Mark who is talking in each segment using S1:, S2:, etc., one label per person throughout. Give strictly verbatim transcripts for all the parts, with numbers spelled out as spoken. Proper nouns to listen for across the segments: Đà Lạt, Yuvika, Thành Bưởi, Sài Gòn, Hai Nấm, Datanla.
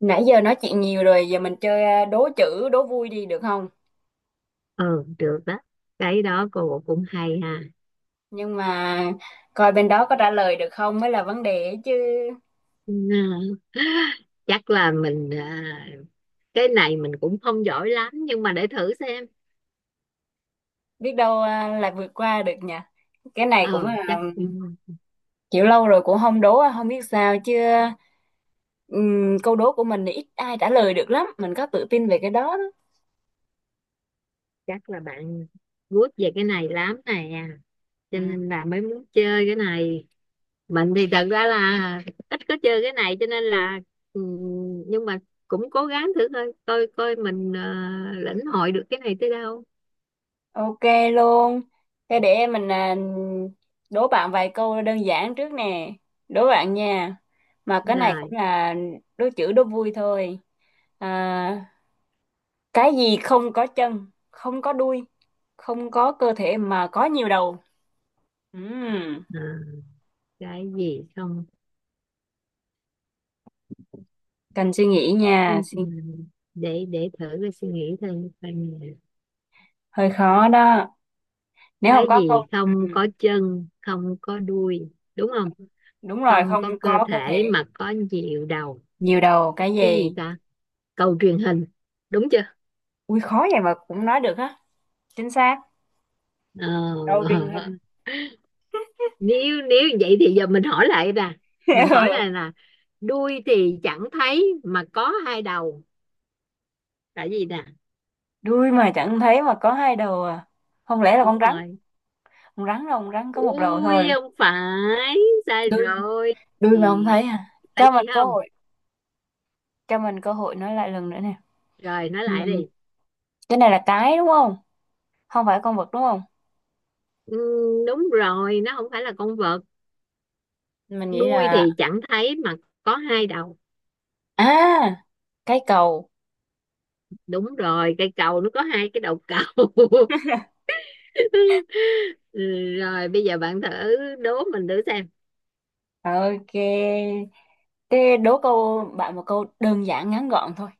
S1: Nãy giờ nói chuyện nhiều rồi, giờ mình chơi à, đố chữ, đố vui đi được không?
S2: Ừ, được đó. Cái đó cô cũng hay ha.
S1: Nhưng mà coi bên đó có trả lời được không mới là vấn đề ấy chứ.
S2: Ừ, chắc là mình à, cái này mình cũng không giỏi lắm nhưng mà để thử xem.
S1: Biết đâu à, là vượt qua được nhỉ. Cái này cũng là
S2: Ừ chắc,
S1: à, kiểu lâu rồi cũng không đố, à, không biết sao chứ. Ừm, câu đố của mình thì ít ai trả lời được lắm, mình có tự tin về cái đó. đó.
S2: chắc là bạn good về cái này lắm nè,
S1: Ừ.
S2: cho nên là mới muốn chơi cái này. Mình thì thật ra là ít có chơi cái này cho nên là ừ, nhưng mà cũng cố gắng thử thôi, coi coi mình à, lĩnh hội được cái này tới đâu.
S1: Ok luôn. Thế để mình à, Đố bạn vài câu đơn giản trước nè. Đố bạn nha. Mà cái này cũng
S2: Rồi,
S1: là đố chữ đố vui thôi. À, cái gì không có chân, không có đuôi, không có cơ thể mà có nhiều đầu. Ừm,
S2: à, cái gì không.
S1: Cần suy nghĩ nha.
S2: Ừ, ừ,
S1: Suy-
S2: để để thử cái suy nghĩ thêm coi nè.
S1: Hơi khó đó. Nếu không
S2: Cái
S1: có câu...
S2: gì không
S1: ừm,
S2: có chân không có đuôi, đúng không?
S1: đúng rồi,
S2: Không
S1: không
S2: có cơ
S1: có cơ
S2: thể
S1: thể.
S2: mà có nhiều đầu.
S1: Nhiều đầu, cái
S2: Cái gì
S1: gì?
S2: ta? Cầu truyền hình, đúng chưa?
S1: Ui, khó vậy mà cũng nói được á. Chính xác.
S2: Ờ,
S1: Đầu truyền
S2: ờ.
S1: hình.
S2: nếu nếu vậy thì giờ mình hỏi lại nè, mình hỏi này là đuôi thì chẳng thấy mà có hai đầu, là gì nè?
S1: Đuôi mà chẳng thấy mà có hai đầu à, không lẽ là con
S2: Đúng
S1: rắn.
S2: rồi.
S1: Con rắn đâu, con rắn có một đầu
S2: Ui
S1: thôi.
S2: không phải, sai
S1: đuôi
S2: rồi.
S1: đuôi mà không
S2: Gì?
S1: thấy à?
S2: Tại
S1: Cho
S2: gì
S1: mình cơ
S2: không?
S1: hội, cho mình cơ hội nói lại lần nữa nè.
S2: Rồi nói
S1: Ừ.
S2: lại đi.
S1: Cái này là cái đúng không, không phải con vật đúng không?
S2: Ừ, đúng rồi, nó không phải là con vật.
S1: Mình nghĩ
S2: Đuôi
S1: là,
S2: thì chẳng thấy mà có hai đầu.
S1: à, cái cầu.
S2: Đúng rồi, cây cầu nó có hai cái đầu cầu. Ừ, rồi bây giờ bạn thử đố mình thử xem.
S1: Ok, thế đố câu bạn một câu đơn giản ngắn gọn thôi.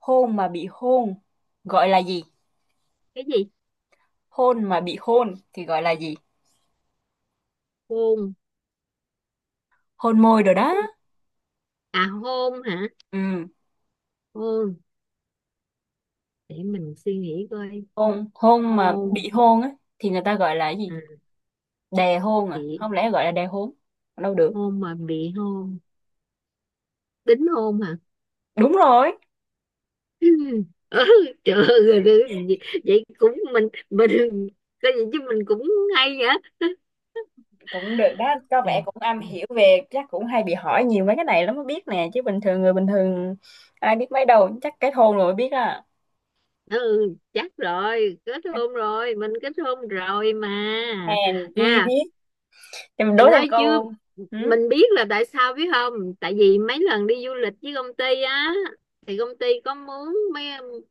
S1: Hôn mà bị hôn gọi là gì?
S2: Cái gì?
S1: Hôn mà bị hôn thì gọi là gì?
S2: Hôn.
S1: Hôn môi rồi đó.
S2: Hôn. À hôn hả?
S1: Ừ,
S2: Hôn, để mình suy nghĩ coi.
S1: hôn hôn mà
S2: Hôn,
S1: bị hôn á thì người ta gọi là cái gì?
S2: à,
S1: Đè hôn, à
S2: bị
S1: không lẽ gọi là đè hôn? Đâu được.
S2: hôn mà bị hôn, đính hôn hả?
S1: Đúng rồi,
S2: Ừ, trời ơi, vậy vậy cũng mình mình có gì chứ, mình cũng hay vậy.
S1: cũng được đó, có vẻ cũng am
S2: Ừ.
S1: hiểu về chắc cũng hay bị hỏi nhiều mấy cái này lắm mới biết nè, chứ bình thường người bình thường ai biết mấy đâu, chắc kết hôn rồi mới biết à.
S2: Ừ chắc rồi, kết hôn rồi, mình kết hôn rồi mà.
S1: Hèn chi
S2: à
S1: biết. Thì mình đố thêm
S2: nói chứ
S1: câu. Ừ?
S2: mình biết là tại sao biết không? Tại vì mấy lần đi du lịch với công ty á, thì công ty có muốn mấy,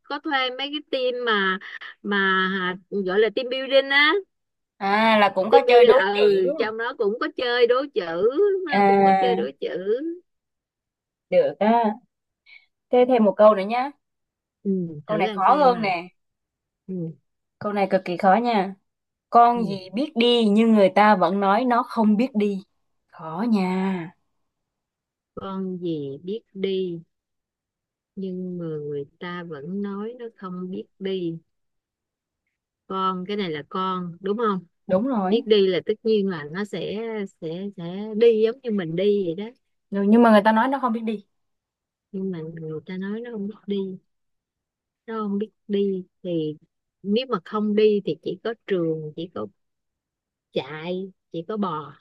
S2: có thuê mấy cái team mà mà gọi là team building á.
S1: À là cũng có
S2: Team
S1: chơi đố
S2: building,
S1: chữ.
S2: ừ trong đó cũng có chơi đố chữ, nó cũng có chơi
S1: À,
S2: đố chữ.
S1: được á. Thế thêm một câu nữa nhá.
S2: Ừ,
S1: Câu
S2: thử
S1: này
S2: ra
S1: khó
S2: xem
S1: hơn
S2: mà.
S1: nè.
S2: Ừ,
S1: Câu này cực kỳ khó nha. Con
S2: ừ.
S1: gì biết đi nhưng người ta vẫn nói nó không biết đi. Khó nha.
S2: Con gì biết đi nhưng mà người ta vẫn nói nó không biết đi? Con, cái này là con đúng không?
S1: Đúng rồi.
S2: Biết đi là tất nhiên là nó sẽ, sẽ sẽ đi giống như mình đi vậy đó.
S1: Rồi, nhưng mà người ta nói nó không biết đi.
S2: Nhưng mà người ta nói nó không biết đi, nó không biết đi thì, nếu mà không đi thì chỉ có trường, chỉ có chạy, chỉ có bò.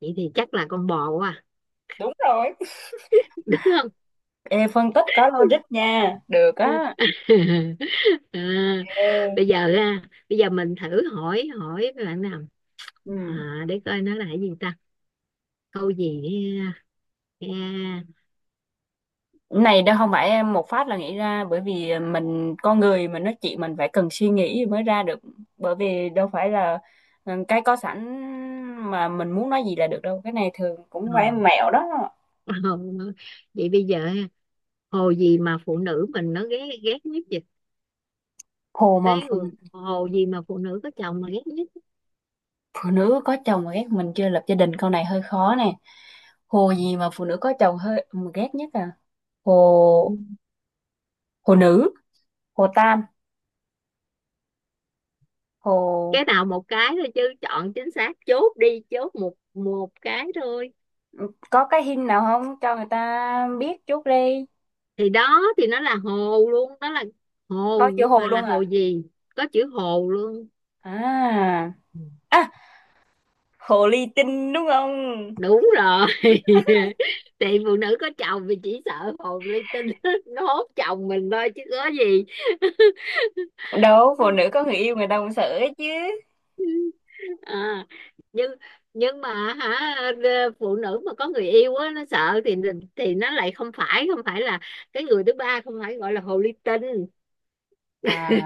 S2: Vậy thì chắc là con bò quá à.
S1: Đúng rồi.
S2: Đúng không?
S1: Ê, phân tích có logic nha. Được á.
S2: À,
S1: Ê,
S2: bây giờ ha, bây giờ mình thử hỏi, hỏi bạn nào, à,
S1: ừ.
S2: để coi nó là cái gì ta, câu gì, ha, ha.
S1: Này đâu không phải em một phát là nghĩ ra, bởi vì mình con người mình nói chuyện mình phải cần suy nghĩ mới ra được, bởi vì đâu phải là, ừ, cái có sẵn mà mình muốn nói gì là được đâu, cái này thường cũng phải
S2: Ờ.
S1: mẹo đó.
S2: Ờ. Vậy bây giờ ha, hồ gì mà phụ nữ mình nó ghét, ghét nhất vậy?
S1: Hồ mà
S2: Đấy, hồ gì mà phụ nữ có chồng mà ghét nhất?
S1: phụ nữ có chồng mà ghét, mình chưa lập gia đình câu này hơi khó nè. Hồ gì mà phụ nữ có chồng hơi mà ghét nhất à?
S2: Ừ.
S1: Hồ, hồ nữ, hồ tam, hồ,
S2: Cái nào một cái thôi chứ, chọn chính xác chốt đi, chốt một một cái thôi.
S1: có cái hình nào không cho người ta biết chút đi.
S2: Thì đó, thì nó là hồ luôn đó, là
S1: Có
S2: hồ
S1: chữ
S2: nhưng mà
S1: hồ
S2: là
S1: luôn
S2: hồ
S1: à?
S2: gì. Có chữ hồ luôn.
S1: À,
S2: Ừ.
S1: à, hồ ly tinh đúng không?
S2: Đúng rồi. Thì phụ nữ có chồng thì chỉ sợ hồn linh tinh nó hốt chồng mình thôi chứ có gì.
S1: Đâu, phụ nữ có người yêu người ta cũng sợ ấy chứ.
S2: À, nhưng nhưng mà hả, ờ, phụ nữ mà có người yêu á nó sợ thì thì nó lại không phải, không phải là cái người thứ ba không phải gọi là hồ ly tinh.
S1: À,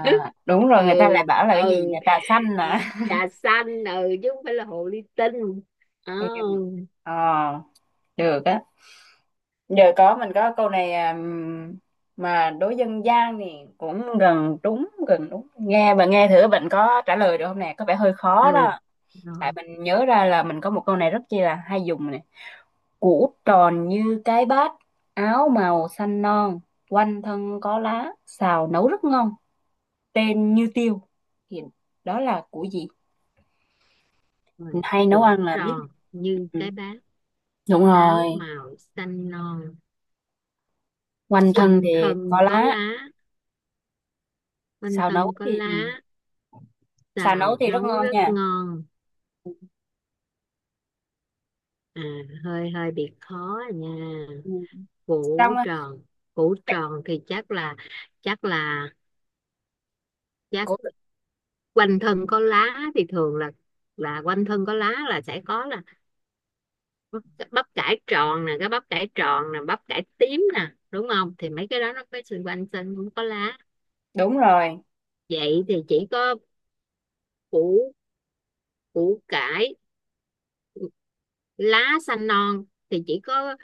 S1: đúng rồi,
S2: Ừ.
S1: người ta lại bảo là cái gì
S2: Ừ.
S1: nhà trà xanh à.
S2: Trà xanh, ừ chứ không phải là hồ ly tinh. Ờ,
S1: Em- ờ, được á. Giờ có mình có câu này à, mà đối dân gian thì cũng gần đúng gần đúng nghe, bạn nghe thử bạn có trả lời được không nè, có vẻ hơi
S2: ừ
S1: khó đó. Tại
S2: rồi.
S1: mình nhớ ra là mình có một câu này rất chi là hay dùng này. Củ tròn như cái bát, áo màu xanh non, quanh thân có lá, xào nấu rất ngon, tên như tiêu, thì đó là củ gì? Mình
S2: Rồi,
S1: hay nấu
S2: cuộn
S1: ăn là biết.
S2: tròn như
S1: Ừ.
S2: cái bát,
S1: Đúng
S2: áo
S1: rồi.
S2: màu xanh non,
S1: Quanh thân thì
S2: quanh thân
S1: có
S2: có
S1: lá.
S2: lá. Quanh
S1: Xào nấu
S2: thân có
S1: thì ừ.
S2: lá,
S1: Xào nấu
S2: xào
S1: thì rất
S2: nấu
S1: ngon
S2: rất
S1: nha.
S2: ngon. À, hơi hơi bị khó à nha.
S1: Ừ.
S2: Củ
S1: Xong á,
S2: tròn, củ
S1: cái-
S2: tròn thì chắc là, chắc là, chắc
S1: củ,
S2: quanh thân có lá thì thường là là quanh thân có lá là sẽ có là bắp, bắp cải tròn nè, cái bắp cải tròn nè, bắp cải tím nè, đúng không? Thì mấy cái đó nó có xung quanh xanh cũng có lá.
S1: đúng rồi.
S2: Vậy thì chỉ có củ, củ cải. Lá xanh non thì chỉ có,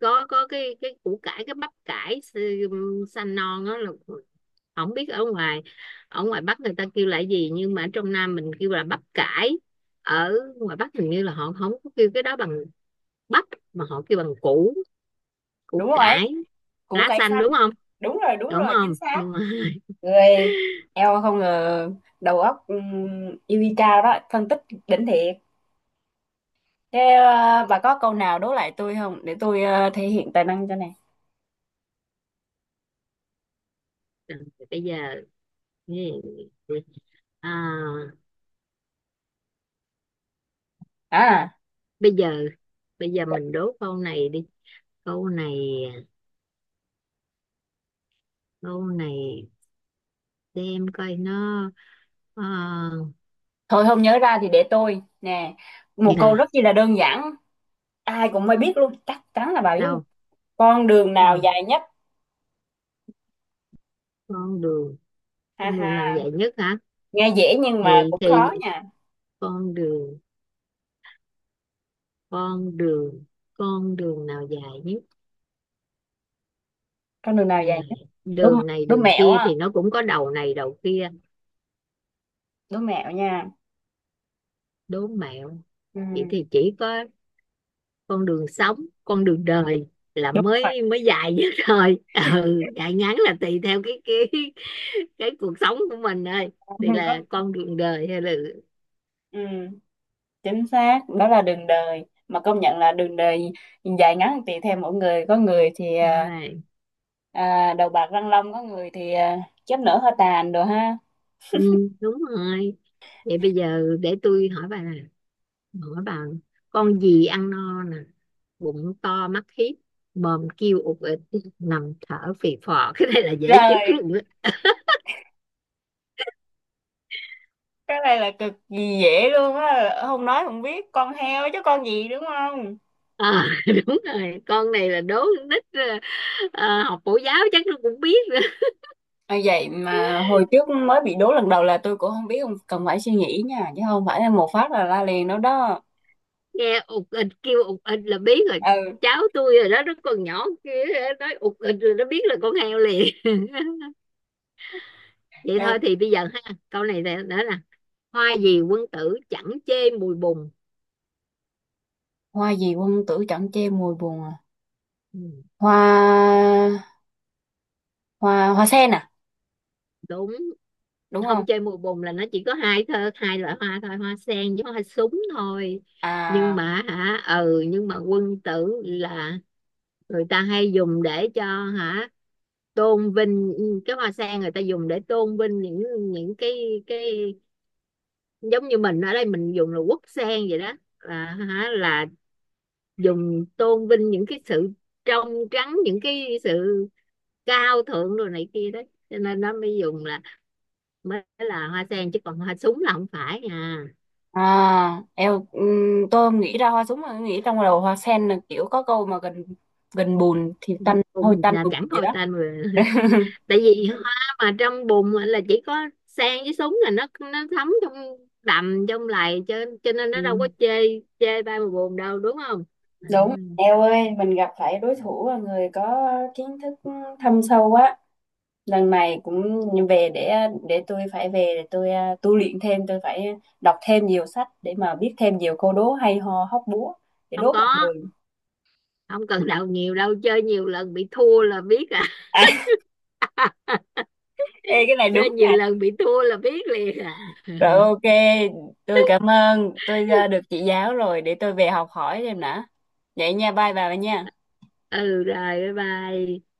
S2: có có cái cái củ cải, cái bắp cải. Ừ, xanh non đó là, không biết ở ngoài, ở ngoài Bắc người ta kêu là gì, nhưng mà ở trong Nam mình kêu là bắp cải. Ở ngoài Bắc hình như là họ không có kêu cái đó bằng bắp, mà họ kêu bằng củ, củ
S1: Đúng rồi ấy,
S2: cải.
S1: củ
S2: Lá
S1: cải
S2: xanh
S1: xanh.
S2: đúng không?
S1: Đúng rồi đúng
S2: Đúng
S1: rồi chính
S2: không?
S1: xác.
S2: Đúng rồi.
S1: Người, eo không ngờ, đầu óc um, Yuvika đó phân tích đỉnh thiệt. Thế ờ, bà có câu nào đố lại tôi không để tôi ờ, thể hiện tài năng cho nè.
S2: Bây giờ, à,
S1: À
S2: bây giờ, bây giờ mình đố câu này đi, câu này, câu này, xem coi nó, ờ,
S1: thôi không nhớ ra thì để tôi nè, một câu rất
S2: nè.
S1: chi là đơn giản, ai cũng mới biết luôn chắc chắn là bà biết luôn.
S2: Đâu,
S1: Con đường nào
S2: đâu?
S1: dài nhất?
S2: Con đường.
S1: Ha
S2: Con đường nào
S1: ha,
S2: dài nhất hả?
S1: nghe dễ nhưng mà
S2: thì
S1: cũng khó
S2: thì
S1: nha.
S2: con đường, con đường, con đường nào dài nhất?
S1: Con đường nào dài nhất?
S2: Dài,
S1: Đố,
S2: đường này
S1: đố
S2: đường
S1: mẹo
S2: kia
S1: á,
S2: thì nó cũng có đầu này đầu kia.
S1: đố mẹo nha.
S2: Đố mẹo. Vậy
S1: Ừ,
S2: thì chỉ có con đường sống, con đường đời là
S1: đúng rồi.
S2: mới, mới dài nhất thôi. Ừ dài ngắn là tùy theo cái cái cái cuộc sống của mình thôi. Thì là
S1: Có,
S2: con đường đời hay là,
S1: ừ, chính xác đó là đường đời, mà công nhận là đường đời dài ngắn tùy theo mỗi người, có người thì
S2: đúng
S1: à,
S2: rồi.
S1: à, đầu bạc răng long, có người thì à, chớp nở hơi tàn đồ ha.
S2: Ừ, đúng rồi, vậy bây giờ để tôi hỏi bà nè, hỏi bà, con gì ăn no nè, bụng to mắt hiếp, mồm kêu ụt ịt, nằm thở phì phò. Cái này là dễ chết
S1: Trời,
S2: luôn á.
S1: cái này là cực kỳ dễ luôn á, không nói không biết, con heo chứ con gì đúng không?
S2: À, đúng rồi, con này là đố con nít, ờ, ờ, học mẫu giáo chắc nó cũng biết.
S1: À, vậy mà hồi trước mới bị đố lần đầu là tôi cũng không biết, không cần phải suy nghĩ nha chứ không phải là một phát là la liền đâu đó.
S2: Nghe ụt ịt, kêu ụt ịt là biết rồi. Cháu tôi rồi đó, nó còn nhỏ kia, nói ụt ịt rồi nó biết là con heo liền. Vậy thôi
S1: Ừ,
S2: thì bây giờ ha, câu này nè- nữa nè, hoa gì quân tử chẳng chê mùi bùn?
S1: hoa gì quân tử chẳng che mùi buồn à?
S2: Ừ,
S1: Hoa hoa hoa sen à?
S2: đúng
S1: Đúng không?
S2: không chê mùi bùn là nó chỉ có hai thơ, hai loại hoa thôi, hoa sen với hoa súng thôi. Nhưng
S1: À,
S2: mà hả, ừ nhưng mà quân tử là, người ta hay dùng để cho hả, tôn vinh, cái hoa sen người ta dùng để tôn vinh những, những cái cái giống như mình ở đây mình dùng là quốc sen vậy đó, là hả, là dùng tôn vinh những cái sự trong trắng, những cái sự cao thượng rồi này kia đấy, cho nên nó mới dùng là, mới là hoa sen chứ còn hoa súng là không phải à.
S1: à, eo ừm, tôi nghĩ ra hoa súng mà nghĩ trong đầu hoa sen, là kiểu có câu mà gần, gần bùn thì tanh hôi
S2: Bùn
S1: tanh
S2: là
S1: bùn
S2: chẳng
S1: gì
S2: coi
S1: đó.
S2: tên rồi. Tại vì hoa mà trong bùn là chỉ có sen với súng là nó nó thấm trong đầm trong lầy, cho cho nên
S1: Ừ,
S2: nó đâu có chê, chê ba mà buồn đâu, đúng không? À,
S1: đúng, eo ơi mình gặp phải đối thủ là người có kiến thức thâm sâu quá. Lần này cũng về, để để tôi phải về để tôi à, tu luyện thêm, tôi phải đọc thêm nhiều sách để mà biết thêm nhiều câu đố hay ho hóc búa để
S2: không
S1: đố mọi
S2: có,
S1: người.
S2: không cần đầu nhiều đâu, chơi nhiều lần bị thua là biết à.
S1: À ê, cái này
S2: Chơi
S1: đúng
S2: nhiều
S1: nè.
S2: lần bị thua là biết liền à.
S1: Rồi ok, tôi cảm ơn, tôi à, được chị giáo rồi để tôi về học hỏi thêm nữa vậy nha, bye bà nha.
S2: Ừ rồi, bye bye.